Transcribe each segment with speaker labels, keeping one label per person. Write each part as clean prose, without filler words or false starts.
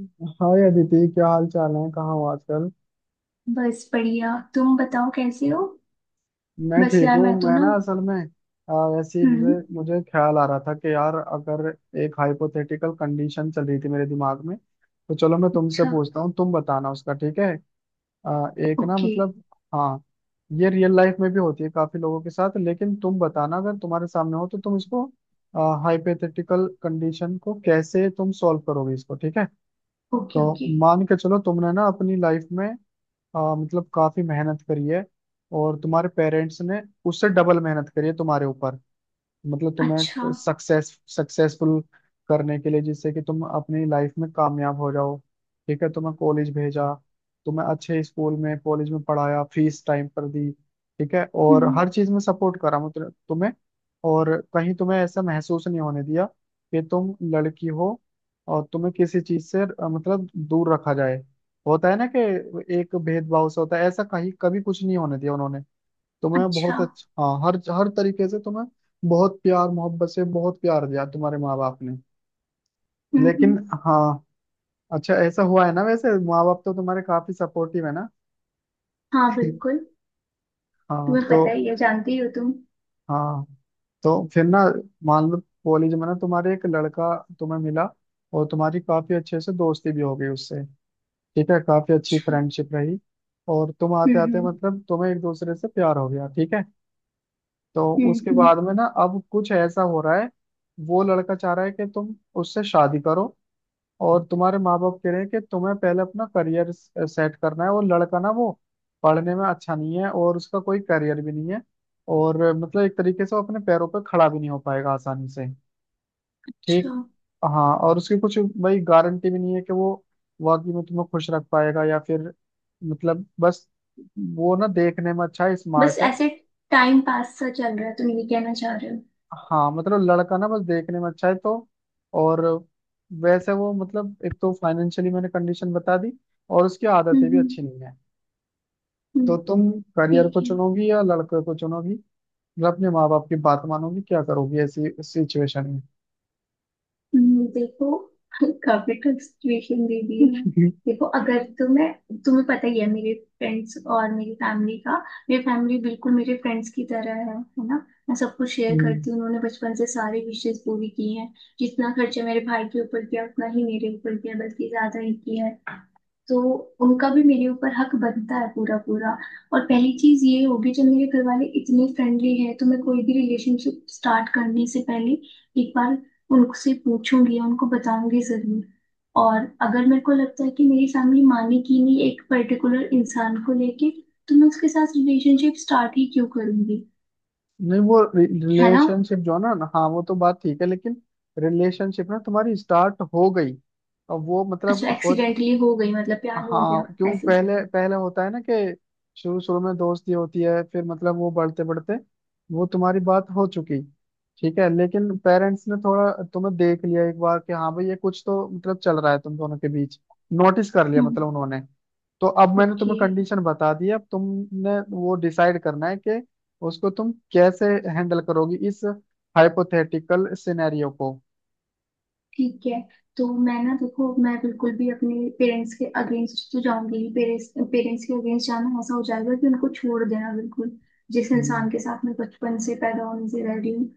Speaker 1: हाय अदिति, क्या हाल चाल है? कहाँ हो आजकल?
Speaker 2: बस बढ़िया। तुम बताओ कैसे हो?
Speaker 1: मैं
Speaker 2: बस
Speaker 1: ठीक
Speaker 2: यार,
Speaker 1: हूँ।
Speaker 2: मैं तो
Speaker 1: मैं
Speaker 2: ना।
Speaker 1: ना असल में ऐसे ही मुझे
Speaker 2: हम्म।
Speaker 1: मुझे ख्याल आ रहा था कि यार, अगर एक हाइपोथेटिकल कंडीशन चल रही थी मेरे दिमाग में, तो चलो मैं तुमसे
Speaker 2: अच्छा।
Speaker 1: पूछता हूँ, तुम बताना उसका। ठीक है? एक ना,
Speaker 2: ओके,
Speaker 1: मतलब हाँ, ये रियल लाइफ में भी होती है काफी लोगों के साथ, लेकिन तुम बताना अगर तुम्हारे सामने हो तो तुम इसको, हाइपोथेटिकल कंडीशन को कैसे तुम सॉल्व करोगे इसको। ठीक है?
Speaker 2: ओके,
Speaker 1: तो
Speaker 2: ओके।
Speaker 1: मान के चलो तुमने ना अपनी लाइफ में मतलब काफी मेहनत करी है, और तुम्हारे पेरेंट्स ने उससे डबल मेहनत करी है तुम्हारे ऊपर। मतलब
Speaker 2: अच्छा।
Speaker 1: तुम्हें सक्सेसफुल करने के लिए, जिससे कि तुम अपनी लाइफ में कामयाब हो जाओ। ठीक है? तुम्हें कॉलेज भेजा, तुम्हें अच्छे स्कूल में, कॉलेज में पढ़ाया, फीस टाइम पर दी। ठीक है? और
Speaker 2: हम्म।
Speaker 1: हर चीज में सपोर्ट करा, मतलब तुम्हें। और कहीं तुम्हें ऐसा महसूस नहीं होने दिया कि तुम लड़की हो और तुम्हें किसी चीज से मतलब दूर रखा जाए। होता है ना कि एक भेदभाव सा होता है, ऐसा कहीं कभी कुछ नहीं होने दिया उन्होंने। तुम्हें
Speaker 2: अच्छा।
Speaker 1: बहुत अच्छा, हाँ, हर हर तरीके से तुम्हें बहुत प्यार मोहब्बत से, बहुत प्यार दिया तुम्हारे माँ बाप ने।
Speaker 2: हम्म, हम्म।
Speaker 1: लेकिन, हाँ, अच्छा ऐसा हुआ है ना? वैसे माँ बाप तो तुम्हारे काफी सपोर्टिव है ना।
Speaker 2: हाँ, बिल्कुल।
Speaker 1: हाँ
Speaker 2: तुम्हें
Speaker 1: तो,
Speaker 2: पता ही है, जानती हो तुम।
Speaker 1: हाँ तो फिर ना, मान लो कॉलेज में ना तुम्हारे एक लड़का तुम्हें मिला, और तुम्हारी काफी अच्छे से दोस्ती भी हो गई उससे। ठीक है? काफी अच्छी
Speaker 2: अच्छा।
Speaker 1: फ्रेंडशिप रही, और तुम आते
Speaker 2: हम्म,
Speaker 1: आते
Speaker 2: हम्म।
Speaker 1: मतलब तुम्हें एक दूसरे से प्यार हो गया। ठीक है? तो
Speaker 2: हम्म,
Speaker 1: उसके
Speaker 2: हम्म।
Speaker 1: बाद में ना अब कुछ ऐसा हो रहा है, वो लड़का चाह रहा है कि तुम उससे शादी करो, और तुम्हारे माँ बाप कह रहे हैं कि तुम्हें पहले अपना करियर सेट करना है। और लड़का ना वो पढ़ने में अच्छा नहीं है, और उसका कोई करियर भी नहीं है। और मतलब एक तरीके से वो अपने पैरों पर खड़ा भी नहीं हो पाएगा आसानी से।
Speaker 2: अच्छा।
Speaker 1: ठीक। हाँ, और उसकी कुछ भाई गारंटी भी नहीं है कि वो वाकई में तुम्हें खुश रख पाएगा, या फिर मतलब बस वो ना देखने में अच्छा है,
Speaker 2: बस
Speaker 1: स्मार्ट है।
Speaker 2: ऐसे टाइम पास सा चल रहा है, तुम ये कहना चाह रहे हो?
Speaker 1: हाँ मतलब लड़का ना बस देखने में अच्छा है तो। और वैसे वो मतलब एक तो फाइनेंशियली मैंने कंडीशन बता दी, और उसकी
Speaker 2: हम्म,
Speaker 1: आदतें भी
Speaker 2: हम्म।
Speaker 1: अच्छी नहीं है। तो
Speaker 2: हम्म।
Speaker 1: तुम करियर
Speaker 2: ठीक
Speaker 1: को
Speaker 2: है।
Speaker 1: चुनोगी या लड़के को चुनोगी? मतलब अपने माँ बाप की बात मानोगी? क्या करोगी ऐसी सिचुएशन में?
Speaker 2: देखो, काफी टफ सिचुएशन दे दी है। देखो, अगर तुम्हें तुम्हें पता ही है मेरे फ्रेंड्स और मेरी फैमिली का। मेरी फैमिली बिल्कुल मेरे फ्रेंड्स की तरह है ना? मैं सब कुछ शेयर
Speaker 1: हम्म।
Speaker 2: करती हूँ। उन्होंने बचपन से सारी विशेष पूरी की हैं। जितना खर्चा मेरे भाई के ऊपर किया उतना ही मेरे ऊपर किया, बल्कि ज्यादा ही किया है। तो उनका भी मेरे ऊपर हक बनता है, पूरा पूरा। और पहली चीज ये होगी, जब मेरे घर वाले इतने फ्रेंडली हैं, तो मैं कोई भी रिलेशनशिप स्टार्ट करने से पहले एक बार उनसे पूछूंगी, उनको बताऊंगी जरूर। और अगर मेरे को लगता है कि मेरी फैमिली मानेगी नहीं एक पर्टिकुलर इंसान को लेके, तो मैं उसके साथ रिलेशनशिप स्टार्ट ही क्यों करूंगी?
Speaker 1: नहीं वो
Speaker 2: है ना?
Speaker 1: रिलेशनशिप जो है ना, हाँ, वो तो बात ठीक है, लेकिन रिलेशनशिप ना तुम्हारी स्टार्ट हो गई, अब वो मतलब
Speaker 2: अच्छा,
Speaker 1: हो।
Speaker 2: एक्सीडेंटली हो गई, मतलब प्यार हो गया।
Speaker 1: हाँ, क्यों
Speaker 2: ऐसे।
Speaker 1: पहले पहले होता है ना कि शुरू शुरू में दोस्ती होती है, फिर मतलब वो बढ़ते बढ़ते वो तुम्हारी बात हो चुकी। ठीक है? लेकिन पेरेंट्स ने थोड़ा तुम्हें देख लिया एक बार कि हाँ भाई ये कुछ तो मतलब चल रहा है तुम दोनों के बीच, नोटिस कर लिया
Speaker 2: हम्म।
Speaker 1: मतलब उन्होंने। तो अब मैंने तुम्हें
Speaker 2: ओके।
Speaker 1: कंडीशन बता दी है, अब तुमने वो डिसाइड करना है कि उसको तुम कैसे हैंडल करोगी इस हाइपोथेटिकल सिनेरियो को।
Speaker 2: ठीक है। तो मैं ना, देखो, मैं बिल्कुल भी अपने पेरेंट्स के अगेंस्ट तो जाऊंगी ही। पेरेंट्स पेरेंट्स के अगेंस्ट जाना ऐसा हो जाएगा कि उनको छोड़ देना, बिल्कुल। जिस
Speaker 1: हम्म,
Speaker 2: इंसान के साथ मैं बचपन से, पैदा होने से रह रही हूँ,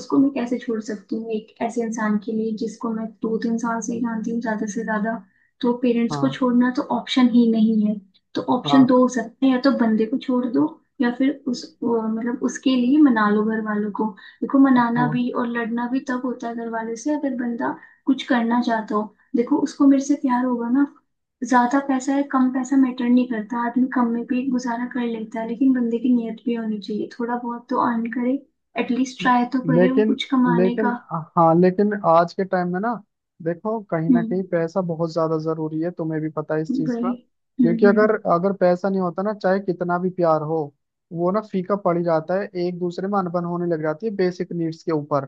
Speaker 2: उसको मैं कैसे छोड़ सकती हूँ एक ऐसे इंसान के लिए जिसको मैं 2-3 साल से ही जानती हूँ, ज्यादा से ज्यादा। तो पेरेंट्स को
Speaker 1: हाँ,
Speaker 2: छोड़ना तो ऑप्शन ही नहीं है। तो ऑप्शन
Speaker 1: हाँ,
Speaker 2: दो हो सकते हैं, या तो बंदे को छोड़ दो। या फिर मतलब उसके लिए मना लो घर वालों को। देखो, मनाना
Speaker 1: हाँ।
Speaker 2: भी और लड़ना भी तब होता है घर वालों से अगर बंदा कुछ करना चाहता हो। देखो, उसको मेरे से प्यार होगा ना। ज्यादा पैसा है कम पैसा मैटर नहीं करता, आदमी कम में भी गुजारा कर लेता है, लेकिन बंदे की नियत भी होनी चाहिए, थोड़ा बहुत तो अर्न करे। एटलीस्ट ट्राई तो करे वो
Speaker 1: लेकिन
Speaker 2: कुछ कमाने
Speaker 1: लेकिन
Speaker 2: का।
Speaker 1: हाँ, लेकिन आज के टाइम में ना देखो कहीं ना
Speaker 2: हम्म।
Speaker 1: कहीं पैसा बहुत ज्यादा जरूरी है, तुम्हें भी पता है इस चीज का।
Speaker 2: वही। हम्म,
Speaker 1: क्योंकि
Speaker 2: हम्म।
Speaker 1: अगर अगर पैसा नहीं होता ना, चाहे कितना भी प्यार हो वो ना फीका पड़ ही जाता है, एक दूसरे में अनबन होने लग जाती है बेसिक नीड्स के ऊपर।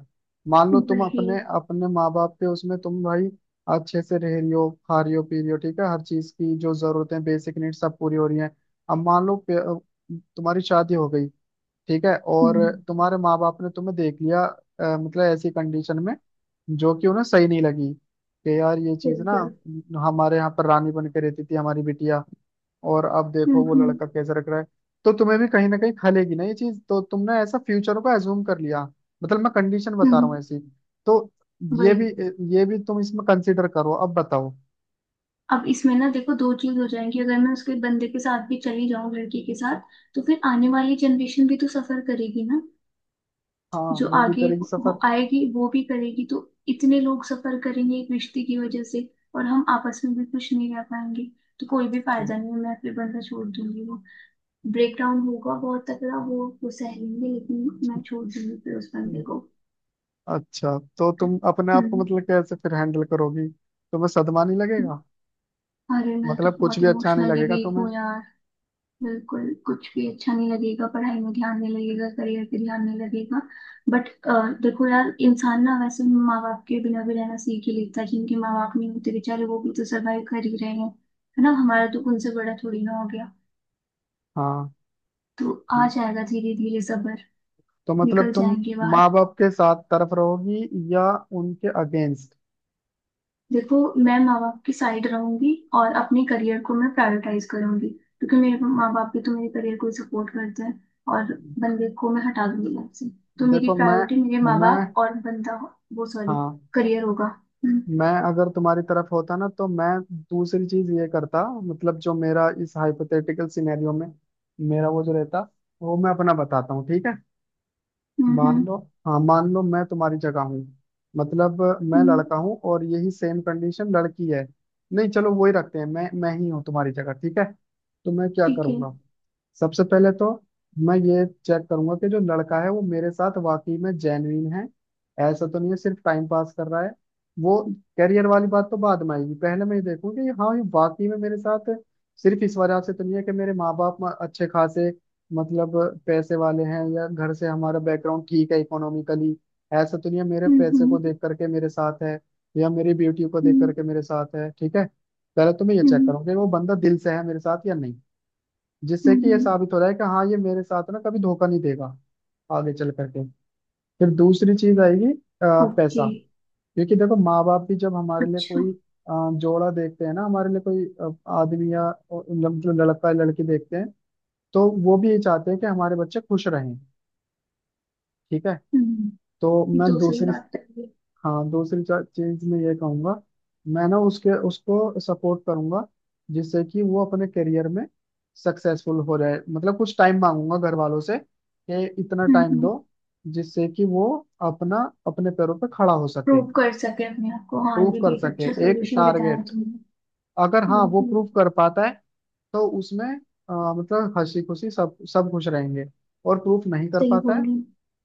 Speaker 1: मान लो तुम
Speaker 2: वही।
Speaker 1: अपने अपने माँ बाप के उसमें, तुम भाई अच्छे से रह रही हो, खा रही हो, पी रही हो, ठीक है, हर चीज की जो जरूरतें, बेसिक नीड्स, सब पूरी हो रही हैं। अब मान लो तुम्हारी शादी हो गई। ठीक है? और
Speaker 2: हम्म।
Speaker 1: तुम्हारे माँ बाप ने तुम्हें देख लिया मतलब ऐसी कंडीशन में जो कि उन्हें सही नहीं लगी, कि यार ये चीज ना,
Speaker 2: बिल्कुल।
Speaker 1: हमारे यहाँ पर रानी बन के रहती थी हमारी बिटिया, और अब
Speaker 2: हम्म,
Speaker 1: देखो वो
Speaker 2: हम्म।
Speaker 1: लड़का कैसे रख रहा है। तो तुम्हें भी कहीं ना कहीं खलेगी ना ये चीज, तो तुमने ऐसा फ्यूचर को एज्यूम कर लिया। मतलब मैं कंडीशन बता
Speaker 2: हम्म।
Speaker 1: रहा हूँ ऐसी। तो ये
Speaker 2: वही।
Speaker 1: भी, ये भी तुम इसमें कंसिडर करो, अब बताओ।
Speaker 2: अब इसमें ना, देखो, दो चीज हो जाएंगी, अगर मैं उसके बंदे के साथ भी चली जाऊं, लड़की के साथ। तो फिर आने वाली जनरेशन भी तो सफर करेगी ना।
Speaker 1: हाँ
Speaker 2: जो
Speaker 1: वो भी
Speaker 2: आगे
Speaker 1: करेगी सफर।
Speaker 2: हो आएगी वो भी करेगी तो। इतने लोग सफर करेंगे एक रिश्ते की वजह से। और हम आपस में भी खुश नहीं रह पाएंगे। तो कोई भी फायदा नहीं है, मैं फिर बंदा छोड़ दूंगी, वो। ब्रेकडाउन होगा बहुत तगड़ा, वो। वो सह लेंगे, लेकिन मैं छोड़ दूंगी फिर उस बंदे को।
Speaker 1: अच्छा तो तुम अपने आप को
Speaker 2: हम्म।
Speaker 1: मतलब कैसे फिर हैंडल करोगी? तुम्हें सदमा नहीं
Speaker 2: हम्म।
Speaker 1: लगेगा?
Speaker 2: अरे, मैं तो
Speaker 1: मतलब कुछ
Speaker 2: बहुत
Speaker 1: भी अच्छा नहीं
Speaker 2: इमोशनली
Speaker 1: लगेगा
Speaker 2: वीक
Speaker 1: तुम्हें?
Speaker 2: हूँ यार। बिल्कुल कुछ भी अच्छा नहीं लगेगा, पढ़ाई में ध्यान नहीं लगेगा, करियर पे ध्यान नहीं लगेगा। बट देखो यार, इंसान ना वैसे माँ बाप के बिना भी रहना सीख ही लेता है, जिनके माँ बाप नहीं होते बेचारे, वो भी तो सरवाइव कर ही रहे हैं। है ना, हमारा तो उनसे बड़ा थोड़ी ना हो गया।
Speaker 1: हाँ
Speaker 2: तो आ जाएगा धीरे धीरे सब्र।
Speaker 1: तो मतलब
Speaker 2: निकल
Speaker 1: तुम
Speaker 2: जाएंगे बाहर।
Speaker 1: माँ बाप के साथ तरफ रहोगी या उनके अगेंस्ट?
Speaker 2: देखो, मैं माँ बाप की साइड रहूंगी और अपने करियर को मैं प्रायोरिटाइज करूंगी, क्योंकि मेरे माँ बाप भी तो मेरे करियर को सपोर्ट करते हैं। और बंदे को मैं हटा दूंगी लाइफ से। तो मेरी
Speaker 1: देखो मैं
Speaker 2: प्रायोरिटी मेरे माँ
Speaker 1: मैं
Speaker 2: बाप और बंदा हो- वो सॉरी
Speaker 1: हाँ,
Speaker 2: करियर होगा। हम्म,
Speaker 1: मैं अगर तुम्हारी तरफ होता ना, तो मैं दूसरी चीज ये करता। मतलब जो मेरा इस हाइपोथेटिकल सिनेरियो में, मेरा वो जो रहता, वो मैं अपना बताता हूँ। ठीक है?
Speaker 2: हम्म,
Speaker 1: मान लो, हाँ मान लो मैं तुम्हारी जगह हूँ, मतलब मैं
Speaker 2: हम्म।
Speaker 1: लड़का हूँ और यही सेम कंडीशन लड़की है। नहीं चलो वही रखते हैं, मैं ही हूँ तुम्हारी जगह। ठीक है? तो मैं क्या
Speaker 2: ठीक है।
Speaker 1: करूँगा? सबसे पहले तो मैं ये चेक करूंगा कि जो लड़का है वो मेरे साथ वाकई में जेन्युइन है, ऐसा तो नहीं है सिर्फ टाइम पास कर रहा है वो। करियर वाली बात तो बाद में आएगी, पहले मैं ये देखूँ कि हाँ ये वाकई में मेरे साथ सिर्फ इस वजह से तो नहीं है कि मेरे माँ बाप अच्छे खासे, मतलब पैसे वाले हैं, या घर से हमारा बैकग्राउंड ठीक है इकोनॉमिकली, ऐसा तो नहीं है मेरे
Speaker 2: हम्म,
Speaker 1: पैसे को
Speaker 2: हम्म,
Speaker 1: देख करके मेरे साथ है, या मेरी ब्यूटी को देख
Speaker 2: हम्म,
Speaker 1: करके मेरे साथ है। ठीक है? पहले तो मैं ये चेक
Speaker 2: हम्म,
Speaker 1: करूँ कि वो बंदा दिल से है मेरे साथ या नहीं, जिससे कि ये
Speaker 2: हम्म।
Speaker 1: साबित हो रहा है कि हाँ ये मेरे साथ ना कभी धोखा नहीं देगा आगे चल करके। फिर दूसरी चीज आएगी
Speaker 2: ओके।
Speaker 1: पैसा। क्योंकि देखो माँ बाप भी जब हमारे लिए
Speaker 2: अच्छा।
Speaker 1: कोई जोड़ा देखते हैं ना, हमारे लिए कोई आदमी या मतलब लड़का या लड़की देखते हैं, तो वो भी ये चाहते हैं कि हमारे बच्चे खुश रहें। ठीक है?
Speaker 2: हम्म।
Speaker 1: तो
Speaker 2: ये
Speaker 1: मैं
Speaker 2: तो सही
Speaker 1: दूसरी,
Speaker 2: बात है ये।
Speaker 1: हाँ दूसरी चीज में ये कहूंगा, मैं ना उसके उसको सपोर्ट करूंगा, जिससे कि वो अपने करियर में सक्सेसफुल हो जाए। मतलब कुछ टाइम मांगूंगा घर वालों से कि इतना
Speaker 2: हम्म,
Speaker 1: टाइम
Speaker 2: हम्म।
Speaker 1: दो, जिससे कि वो अपना अपने पैरों पे खड़ा हो सके,
Speaker 2: प्रूव कर सके अपने आप को। हाँ,
Speaker 1: प्रूव
Speaker 2: ये
Speaker 1: कर
Speaker 2: भी एक
Speaker 1: सके
Speaker 2: अच्छा
Speaker 1: एक
Speaker 2: सोल्यूशन बताया
Speaker 1: टारगेट।
Speaker 2: तुमने।
Speaker 1: अगर हाँ
Speaker 2: हम्म,
Speaker 1: वो
Speaker 2: हम्म।
Speaker 1: प्रूव कर पाता है, तो उसमें मतलब हंसी खुशी सब सब खुश रहेंगे। और प्रूफ नहीं कर
Speaker 2: सही
Speaker 1: पाता
Speaker 2: बोल
Speaker 1: है,
Speaker 2: रही।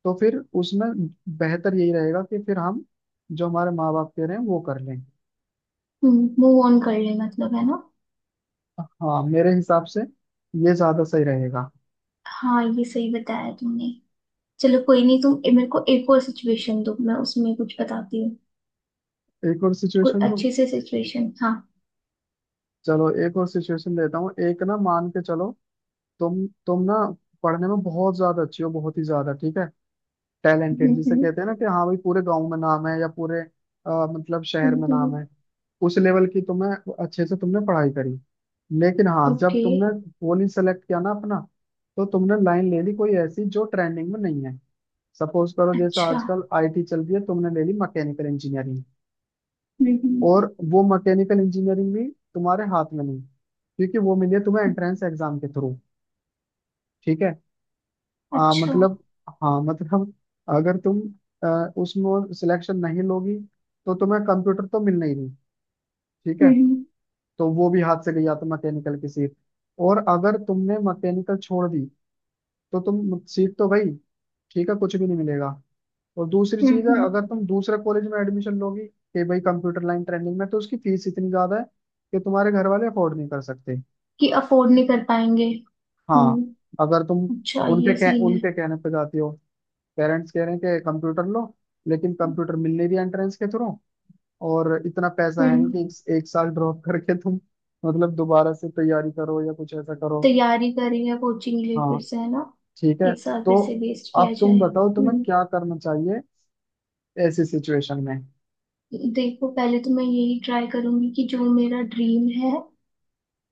Speaker 1: तो फिर उसमें बेहतर यही रहेगा कि फिर हम जो हमारे माँ बाप कह रहे हैं वो कर लें।
Speaker 2: मूव ऑन कर ले मतलब, है ना?
Speaker 1: हाँ मेरे हिसाब से ये ज्यादा सही रहेगा।
Speaker 2: हाँ, ये सही बताया तुमने। चलो कोई नहीं, तुम मेरे को एक और सिचुएशन दो, मैं उसमें कुछ बताती हूँ।
Speaker 1: एक और
Speaker 2: कोई
Speaker 1: सिचुएशन दो।
Speaker 2: अच्छे से सिचुएशन, हाँ।
Speaker 1: चलो एक और सिचुएशन देता हूँ। एक ना, मान के चलो, तुम ना पढ़ने में बहुत ज्यादा अच्छी हो, बहुत ही ज्यादा। ठीक है? टैलेंटेड जिसे
Speaker 2: हम्म,
Speaker 1: कहते हैं ना, कि हाँ भाई पूरे गांव में नाम है, या पूरे मतलब शहर
Speaker 2: हम्म,
Speaker 1: में
Speaker 2: हम्म।
Speaker 1: नाम है। उस लेवल की तुम्हें, अच्छे से तुमने पढ़ाई करी। लेकिन हाँ, जब
Speaker 2: ओके।
Speaker 1: तुमने पोली सेलेक्ट किया ना अपना, तो तुमने लाइन ले ली कोई ऐसी जो ट्रेंडिंग में नहीं है। सपोज करो जैसे
Speaker 2: अच्छा।
Speaker 1: आजकल आईटी चल रही है, तुमने ले ली मैकेनिकल इंजीनियरिंग।
Speaker 2: हम्म।
Speaker 1: और वो मैकेनिकल इंजीनियरिंग भी तुम्हारे हाथ में नहीं, क्योंकि वो मिली है तुम्हें एंट्रेंस एग्जाम के थ्रू। ठीक है?
Speaker 2: अच्छा।
Speaker 1: मतलब, हाँ मतलब अगर तुम उसमें सिलेक्शन नहीं लोगी, तो तुम्हें कंप्यूटर तो मिलना ही नहीं। ठीक है?
Speaker 2: हम्म,
Speaker 1: तो वो भी हाथ से गई, या तो मैकेनिकल की सीट। और अगर तुमने मैकेनिकल छोड़ दी, तो तुम सीट तो भाई, ठीक है, कुछ भी नहीं मिलेगा। और दूसरी चीज है
Speaker 2: हम्म।
Speaker 1: अगर तुम दूसरे कॉलेज में एडमिशन लोगी कि भाई कंप्यूटर लाइन ट्रेनिंग में, तो उसकी फीस इतनी ज्यादा है कि तुम्हारे घर वाले अफोर्ड नहीं कर सकते।
Speaker 2: कि अफोर्ड नहीं कर पाएंगे।
Speaker 1: हाँ,
Speaker 2: हम्म।
Speaker 1: अगर तुम
Speaker 2: अच्छा, ये सीन है।
Speaker 1: उनके कहने पे जाती हो, पेरेंट्स कह रहे हैं कि कंप्यूटर लो, लेकिन कंप्यूटर मिल नहीं रही एंट्रेंस के थ्रू। और इतना पैसा है नहीं कि
Speaker 2: हम्म।
Speaker 1: एक साल ड्रॉप करके तुम मतलब दोबारा से तैयारी करो या कुछ ऐसा करो।
Speaker 2: तैयारी कर रही है, कोचिंग लिए
Speaker 1: हाँ,
Speaker 2: फिर से, है ना?
Speaker 1: ठीक है।
Speaker 2: 1 साल फिर
Speaker 1: तो
Speaker 2: से वेस्ट किया
Speaker 1: अब तुम
Speaker 2: जाए।
Speaker 1: बताओ तुम्हें
Speaker 2: हम्म।
Speaker 1: क्या करना चाहिए ऐसी सिचुएशन में।
Speaker 2: देखो, पहले तो मैं यही ट्राई करूंगी कि जो मेरा ड्रीम है,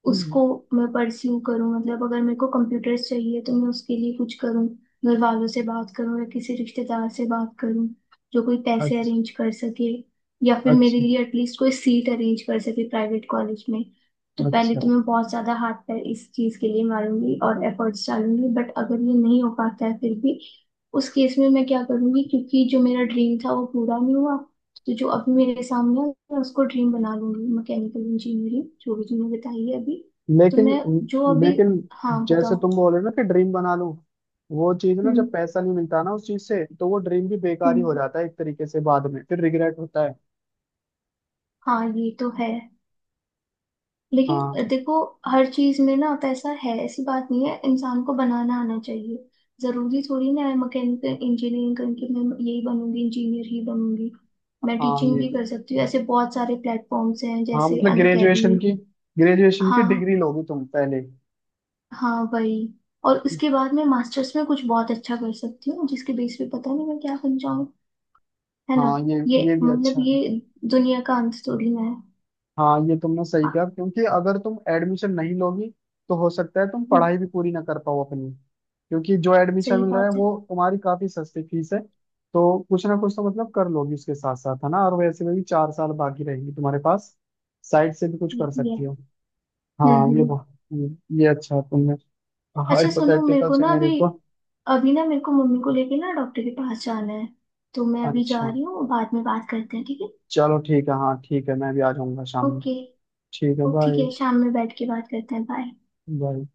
Speaker 1: हम्म।
Speaker 2: उसको मैं परस्यू करूं। मतलब अगर मेरे को कंप्यूटर्स चाहिए तो मैं उसके लिए कुछ करूं, घर वालों से बात करूं या किसी रिश्तेदार से बात करूं। जो कोई पैसे
Speaker 1: अच्छा,
Speaker 2: अरेंज कर सके। या फिर मेरे
Speaker 1: अच्छा,
Speaker 2: लिए एटलीस्ट कोई सीट अरेंज कर सके प्राइवेट कॉलेज में। तो पहले तो
Speaker 1: अच्छा।
Speaker 2: मैं बहुत ज्यादा हाथ पैर इस चीज के लिए मारूंगी और एफर्ट्स डालूंगी, बट अगर ये नहीं हो पाता है फिर भी। उस केस में मैं क्या करूंगी, क्योंकि जो मेरा ड्रीम था वो पूरा नहीं हुआ। तो जो अभी मेरे सामने है, मैं उसको ड्रीम बना लूंगी, मैकेनिकल इंजीनियरिंग, जो भी तुमने बताई है अभी। तो
Speaker 1: लेकिन
Speaker 2: मैं जो अभी
Speaker 1: लेकिन
Speaker 2: हाँ,
Speaker 1: जैसे
Speaker 2: बताओ।
Speaker 1: तुम बोल रहे हो ना कि ड्रीम बना लूं, वो चीज ना जब
Speaker 2: हम्म,
Speaker 1: पैसा नहीं मिलता ना उस चीज से, तो वो ड्रीम भी बेकार ही हो
Speaker 2: हम्म।
Speaker 1: जाता है एक तरीके से, बाद में फिर रिग्रेट होता है।
Speaker 2: हाँ, ये तो है, लेकिन
Speaker 1: हाँ,
Speaker 2: देखो। हर चीज में ना पैसा है, ऐसी बात नहीं है, इंसान को बनाना आना चाहिए। जरूरी थोड़ी ना है मैकेनिकल इंजीनियरिंग करके मैं यही बनूंगी, इंजीनियर ही बनूंगी। मैं
Speaker 1: हाँ,
Speaker 2: टीचिंग
Speaker 1: ये
Speaker 2: भी कर सकती हूँ, ऐसे बहुत सारे प्लेटफॉर्म्स हैं
Speaker 1: हाँ
Speaker 2: जैसे
Speaker 1: मतलब ग्रेजुएशन
Speaker 2: अनअकैडमी।
Speaker 1: की, ग्रेजुएशन की
Speaker 2: हाँ,
Speaker 1: डिग्री लोगे तुम पहले।
Speaker 2: हाँ, वही। और उसके बाद मैं मास्टर्स में कुछ बहुत अच्छा कर सकती हूँ, जिसके बेस पे पता नहीं मैं क्या बन जाऊँ। है ना?
Speaker 1: हाँ
Speaker 2: ये
Speaker 1: ये भी
Speaker 2: मतलब
Speaker 1: अच्छा
Speaker 2: ये।
Speaker 1: है।
Speaker 2: दुनिया का अंत थोड़ी ना है।
Speaker 1: हाँ ये तुमने सही
Speaker 2: हाँ,
Speaker 1: कहा, क्योंकि अगर तुम एडमिशन नहीं लोगी, तो हो सकता है तुम
Speaker 2: हम्म,
Speaker 1: पढ़ाई भी पूरी ना कर पाओ अपनी। क्योंकि जो एडमिशन
Speaker 2: सही
Speaker 1: मिल रहा है
Speaker 2: बात है।
Speaker 1: वो तुम्हारी काफी सस्ती फीस है, तो कुछ ना कुछ तो मतलब कर लोगी उसके साथ साथ, है ना? और वैसे में भी 4 साल बाकी रहेंगे तुम्हारे पास, साइड से भी कुछ
Speaker 2: सही
Speaker 1: कर
Speaker 2: भी है।
Speaker 1: सकती हो।
Speaker 2: हम्म,
Speaker 1: हाँ ये
Speaker 2: हम्म।
Speaker 1: बहुत- ये ये अच्छा है तुमने
Speaker 2: अच्छा, सुनो, मेरे
Speaker 1: हाइपोथेटिकल
Speaker 2: को ना
Speaker 1: सिनेरियो
Speaker 2: अभी।
Speaker 1: को।
Speaker 2: अभी ना मेरे को मम्मी को लेके ना डॉक्टर के पास जाना है। तो मैं अभी जा
Speaker 1: अच्छा,
Speaker 2: रही हूँ, बाद में बात करते हैं, ठीक है।
Speaker 1: चलो ठीक है, हाँ ठीक है, मैं भी आ जाऊंगा शाम में।
Speaker 2: ओके।
Speaker 1: ठीक है,
Speaker 2: ओ, ठीक
Speaker 1: बाय।
Speaker 2: है, शाम में बैठ के बात करते हैं, बाय।
Speaker 1: बाय।